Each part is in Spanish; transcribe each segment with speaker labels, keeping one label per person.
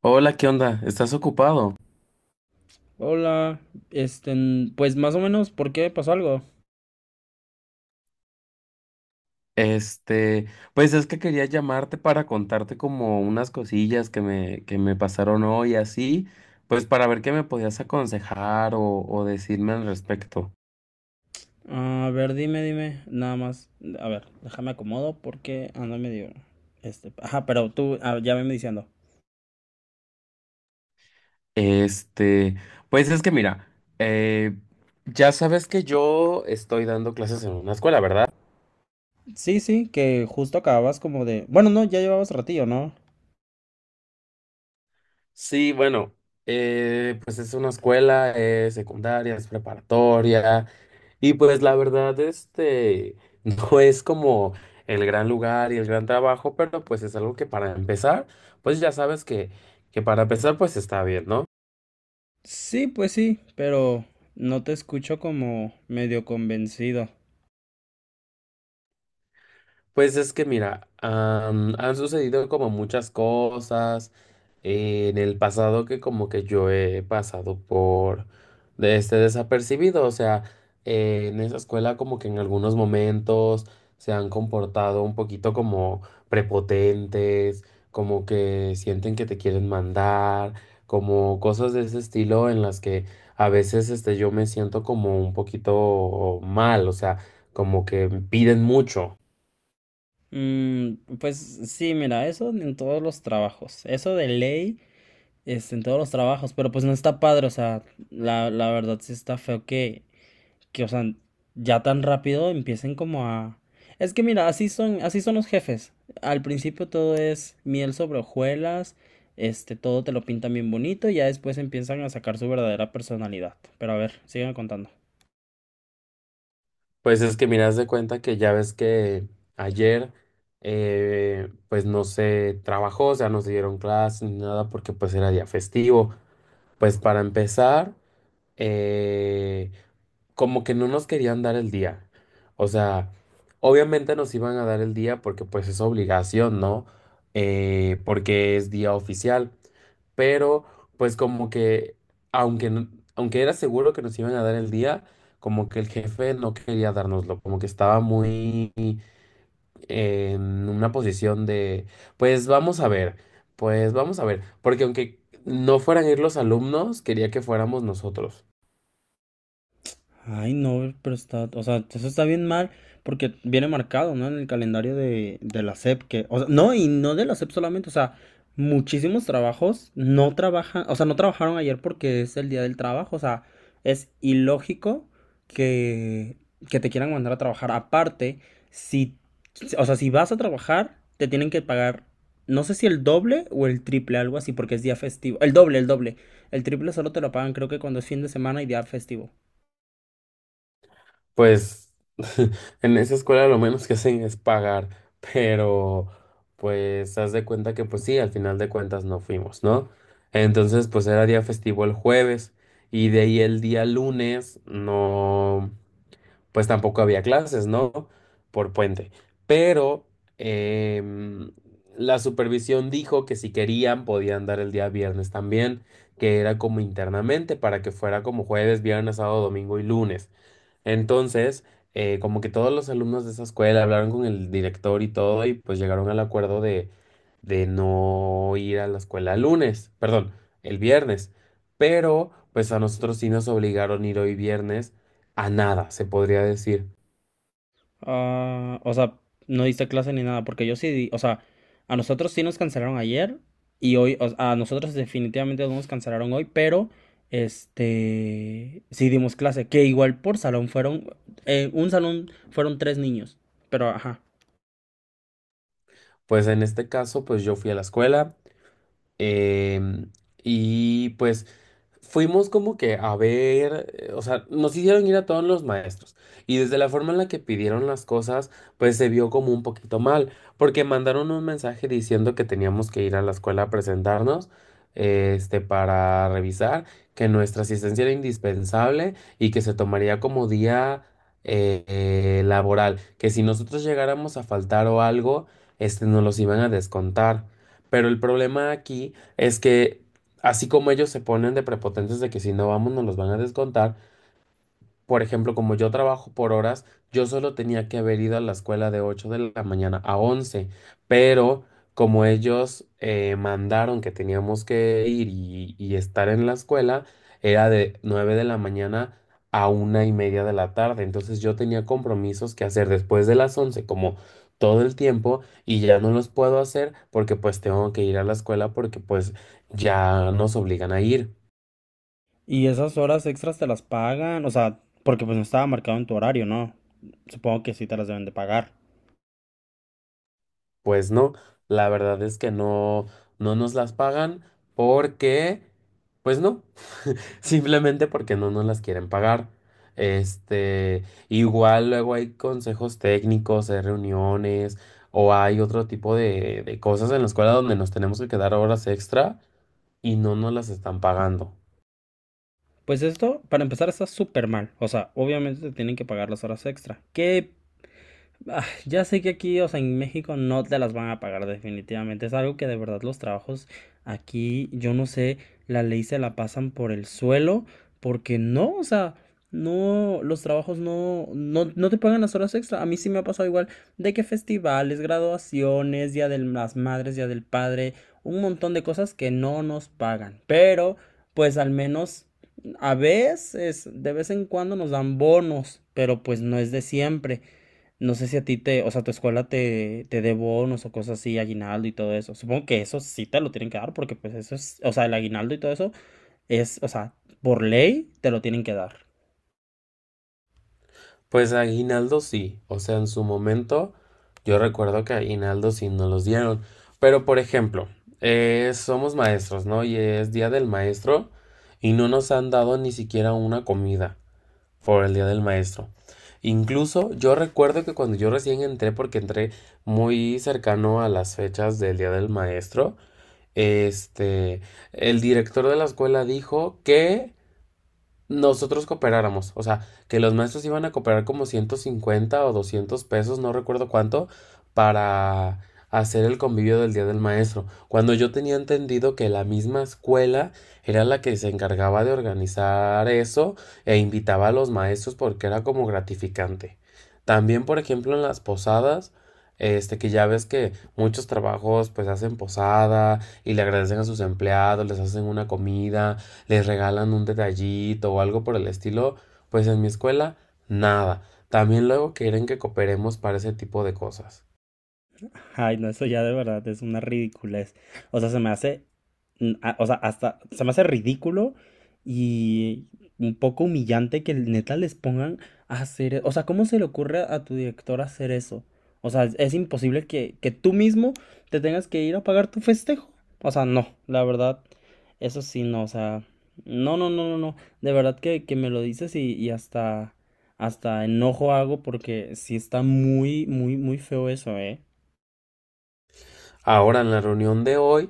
Speaker 1: Hola, ¿qué onda? ¿Estás ocupado?
Speaker 2: Hola, este, pues más o menos, ¿por qué pasó algo?
Speaker 1: Este, pues es que quería llamarte para contarte como unas cosillas que me pasaron hoy así, pues para ver qué me podías aconsejar o decirme al respecto.
Speaker 2: A ver, dime, dime, nada más. A ver, déjame acomodo porque ando medio, ajá, pero tú ya venme diciendo.
Speaker 1: Este, pues es que mira, eh, ya sabes que yo estoy dando clases en una escuela, ¿verdad?
Speaker 2: Sí, sí, que justo acababas como de, bueno, no, ya llevabas ratillo, ¿no?
Speaker 1: Sí, bueno, pues es una escuela, secundaria, es preparatoria. Y pues la verdad, no es como el gran lugar y el gran trabajo, pero pues es algo que para empezar, pues ya sabes que para empezar pues está bien, ¿no?
Speaker 2: Sí, pues sí, pero no te escucho como medio convencido.
Speaker 1: Pues es que mira, han sucedido como muchas cosas en el pasado que como que yo he pasado por de este desapercibido, o sea, en esa escuela como que en algunos momentos se han comportado un poquito como prepotentes, como que sienten que te quieren mandar, como cosas de ese estilo en las que a veces este yo me siento como un poquito mal, o sea, como que piden mucho.
Speaker 2: Mm, pues sí, mira, eso en todos los trabajos, eso de ley, en todos los trabajos, pero pues no está padre, o sea, la verdad sí está feo que, o sea, ya tan rápido empiecen como a... Es que mira, así son los jefes. Al principio todo es miel sobre hojuelas, todo te lo pintan bien bonito y ya después empiezan a sacar su verdadera personalidad. Pero a ver, sigan contando.
Speaker 1: Pues es que miras de cuenta que ya ves que ayer pues no se trabajó, o sea, no se dieron clases ni nada porque pues era día festivo. Pues para empezar, eh, como que no nos querían dar el día. O sea, obviamente nos iban a dar el día porque pues es obligación, ¿no? Porque es día oficial. Pero pues como que, aunque, no- aunque era seguro que nos iban a dar el día, como que el jefe no quería dárnoslo, como que estaba muy en una posición de, pues vamos a ver, pues vamos a ver, porque aunque no fueran ir los alumnos, quería que fuéramos nosotros.
Speaker 2: Ay, no, pero está, o sea, eso está bien mal porque viene marcado, ¿no? En el calendario de la SEP, que, o sea, no, y no de la SEP solamente, o sea, muchísimos trabajos no trabajan, o sea, no trabajaron ayer porque es el día del trabajo, o sea, es ilógico que, que te quieran mandar a trabajar. Aparte, si, o sea, si vas a trabajar, te tienen que pagar, no sé si el doble o el triple, algo así, porque es día festivo. El doble, el doble. El triple solo te lo pagan, creo que cuando es fin de semana y día festivo.
Speaker 1: Pues en esa escuela lo menos que hacen es pagar, pero pues haz de cuenta que pues sí, al final de cuentas no fuimos, ¿no? Entonces pues era día festivo el jueves y de ahí el día lunes no, pues tampoco había clases, ¿no? Por puente. Pero em, la supervisión dijo que si querían podían dar el día viernes también, que era como internamente para que fuera como jueves, viernes, sábado, domingo y lunes. Entonces, como que todos los alumnos de esa escuela hablaron con el director y todo, y pues llegaron al acuerdo de no ir a la escuela el lunes, perdón, el viernes. Pero, pues a nosotros sí nos obligaron a ir hoy viernes a nada, se podría decir.
Speaker 2: Ah, o sea, no diste clase ni nada, porque yo sí, o sea, a nosotros sí nos cancelaron ayer y hoy, a nosotros definitivamente no nos cancelaron hoy, pero sí dimos clase, que igual por salón fueron, un salón fueron tres niños, pero ajá.
Speaker 1: Pues en este caso, pues yo fui a la escuela. Em, y pues fuimos como que a ver, o sea, nos hicieron ir a todos los maestros. Y desde la forma en la que pidieron las cosas, pues se vio como un poquito mal, porque mandaron un mensaje diciendo que teníamos que ir a la escuela a presentarnos, para revisar, que nuestra asistencia era indispensable y que se tomaría como día laboral, que si nosotros llegáramos a faltar o algo, nos los iban a descontar. Pero el problema aquí es que así como ellos se ponen de prepotentes de que si no vamos nos los van a descontar, por ejemplo, como yo trabajo por horas, yo solo tenía que haber ido a la escuela de 8 de la mañana a 11, pero como ellos mandaron que teníamos que ir y estar en la escuela, era de 9 de la mañana a una y media de la tarde. Entonces yo tenía compromisos que hacer después de las 11, como todo el tiempo, y ya no los puedo hacer porque pues tengo que ir a la escuela porque pues ya nos obligan a ir.
Speaker 2: Y esas horas extras te las pagan, o sea, porque pues no estaba marcado en tu horario, ¿no? Supongo que sí te las deben de pagar.
Speaker 1: Pues no, la verdad es que no, no nos las pagan porque, pues no, simplemente porque no nos las quieren pagar. Este, Igual luego hay consejos técnicos, hay reuniones o hay otro tipo de cosas en la escuela donde nos tenemos que quedar horas extra y no nos las están pagando.
Speaker 2: Pues esto, para empezar, está súper mal. O sea, obviamente te tienen que pagar las horas extra. Que ah, ya sé que aquí, o sea, en México no te las van a pagar definitivamente. Es algo que de verdad los trabajos aquí, yo no sé, la ley se la pasan por el suelo, porque no, o sea, no, los trabajos no, no te pagan las horas extra. A mí sí me ha pasado igual de que festivales, graduaciones, Día de las Madres, Día del Padre, un montón de cosas que no nos pagan. Pero, pues al menos a veces, de vez en cuando nos dan bonos, pero pues no es de siempre. No sé si a ti te, o sea, tu escuela te, te dé bonos o cosas así, aguinaldo y todo eso. Supongo que eso sí te lo tienen que dar porque pues eso es, o sea, el aguinaldo y todo eso es, o sea, por ley te lo tienen que dar.
Speaker 1: Pues aguinaldo sí, o sea, en su momento yo recuerdo que aguinaldo sí nos los dieron, pero por ejemplo, somos maestros, ¿no? Y es Día del Maestro y no nos han dado ni siquiera una comida por el Día del Maestro. Incluso yo recuerdo que cuando yo recién entré, porque entré muy cercano a las fechas del Día del Maestro, este, el director de la escuela dijo que nosotros cooperáramos, o sea, que los maestros iban a cooperar como 150 o 200 pesos, no recuerdo cuánto, para hacer el convivio del Día del Maestro, cuando yo tenía entendido que la misma escuela era la que se encargaba de organizar eso e invitaba a los maestros porque era como gratificante. También, por ejemplo, en las posadas, este que ya ves que muchos trabajos pues hacen posada y le agradecen a sus empleados, les hacen una comida, les regalan un detallito o algo por el estilo, pues en mi escuela nada. También luego quieren que cooperemos para ese tipo de cosas.
Speaker 2: Ay, no, eso ya de verdad es una ridiculez. O sea, se me hace o sea, hasta se me hace ridículo y un poco humillante que neta les pongan a hacer, o sea, ¿cómo se le ocurre a tu director hacer eso? O sea, es imposible que tú mismo te tengas que ir a pagar tu festejo. O sea, no, la verdad, eso sí, no, o sea, no, no, no, no, no, de verdad que me lo dices y hasta, hasta enojo hago porque sí está muy, muy, muy feo eso, ¿eh?
Speaker 1: Ahora en la reunión de hoy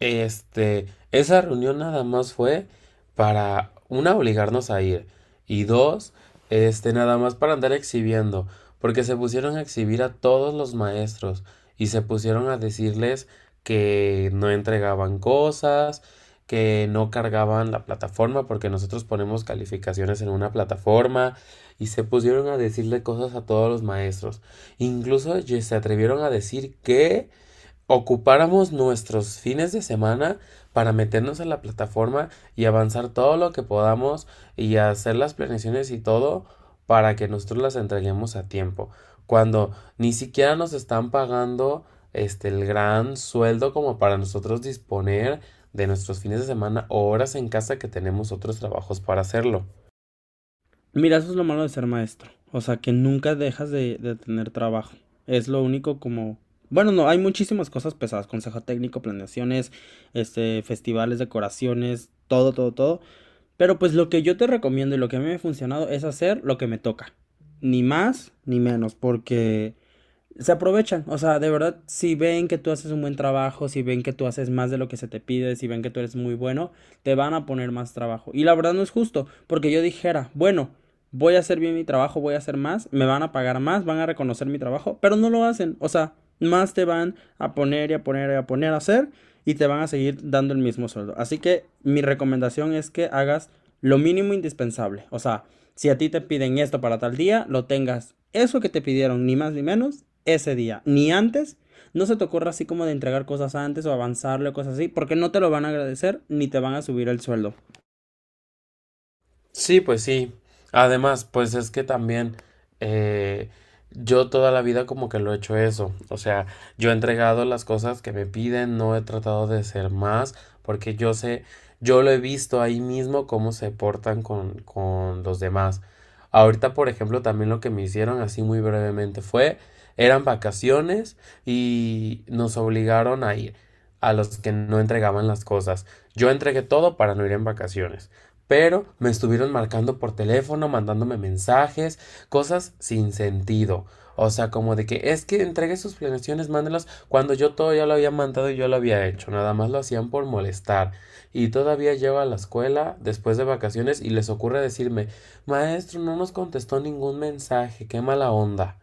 Speaker 1: Este, esa reunión nada más fue para, una, obligarnos a ir y dos, nada más para andar exhibiendo, porque se pusieron a exhibir a todos los maestros y se pusieron a decirles que no entregaban cosas, que no cargaban la plataforma porque nosotros ponemos calificaciones en una plataforma y se pusieron a decirle cosas a todos los maestros. Incluso se atrevieron a decir que ocupáramos nuestros fines de semana para meternos a la plataforma y avanzar todo lo que podamos y hacer las planeaciones y todo para que nosotros las entreguemos a tiempo. Cuando ni siquiera nos están pagando este el gran sueldo como para nosotros disponer de nuestros fines de semana o horas en casa que tenemos otros trabajos para hacerlo.
Speaker 2: Mira, eso es lo malo de ser maestro. O sea, que nunca dejas de tener trabajo. Es lo único como... Bueno, no, hay muchísimas cosas pesadas. Consejo técnico, planeaciones, festivales, decoraciones, todo, todo, todo. Pero pues lo que yo te recomiendo y lo que a mí me ha funcionado es hacer lo que me toca. Ni más ni menos, porque se aprovechan, o sea, de verdad, si ven que tú haces un buen trabajo, si ven que tú haces más de lo que se te pide, si ven que tú eres muy bueno, te van a poner más trabajo. Y la verdad no es justo, porque yo dijera, bueno, voy a hacer bien mi trabajo, voy a hacer más, me van a pagar más, van a reconocer mi trabajo, pero no lo hacen, o sea, más te van a poner y a poner y a poner a hacer y te van a seguir dando el mismo sueldo. Así que mi recomendación es que hagas lo mínimo indispensable, o sea, si a ti te piden esto para tal día, lo tengas eso que te pidieron, ni más ni menos, ese día, ni antes. No se te ocurra así como de entregar cosas antes o avanzarle o cosas así, porque no te lo van a agradecer ni te van a subir el sueldo.
Speaker 1: Sí, pues sí. Además, pues es que también eh, yo toda la vida como que lo he hecho eso. O sea, yo he entregado las cosas que me piden, no he tratado de ser más, porque yo sé, yo lo he visto ahí mismo cómo se portan con los demás. Ahorita, por ejemplo, también lo que me hicieron así muy brevemente fue, eran vacaciones y nos obligaron a ir a los que no entregaban las cosas. Yo entregué todo para no ir en vacaciones. Pero me estuvieron marcando por teléfono, mandándome mensajes, cosas sin sentido. O sea, como de que es que entregue sus planeaciones, mándelas cuando yo todo ya lo había mandado y yo lo había hecho. Nada más lo hacían por molestar. Y todavía llego a la escuela después de vacaciones y les ocurre decirme, maestro, no nos contestó ningún mensaje, qué mala onda.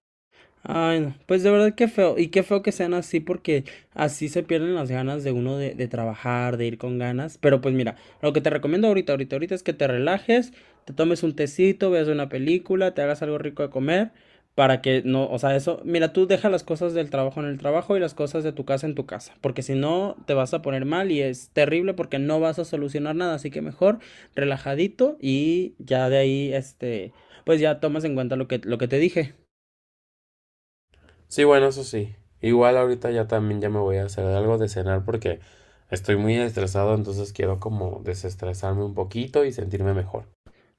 Speaker 2: Ay, no. Pues de verdad qué feo. Y qué feo que sean así porque así se pierden las ganas de uno de trabajar, de ir con ganas. Pero pues mira, lo que te recomiendo ahorita, ahorita, ahorita es que te relajes, te tomes un tecito, veas una película, te hagas algo rico de comer para que no, o sea, eso, mira, tú deja las cosas del trabajo en el trabajo y las cosas de tu casa en tu casa, porque si no te vas a poner mal y es terrible porque no vas a solucionar nada, así que mejor relajadito y ya de ahí, pues ya tomas en cuenta lo que te dije.
Speaker 1: Sí, bueno, eso sí. Igual ahorita ya también ya me voy a hacer algo de cenar porque estoy muy estresado, entonces quiero como desestresarme un poquito y sentirme mejor.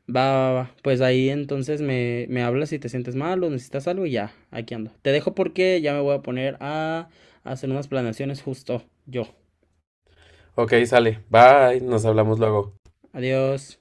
Speaker 2: Va, va, va. Pues ahí entonces me hablas si te sientes mal o necesitas algo y ya, aquí ando. Te dejo porque ya me voy a poner a hacer unas planeaciones justo yo.
Speaker 1: Ok, sale. Bye, nos hablamos luego.
Speaker 2: Adiós.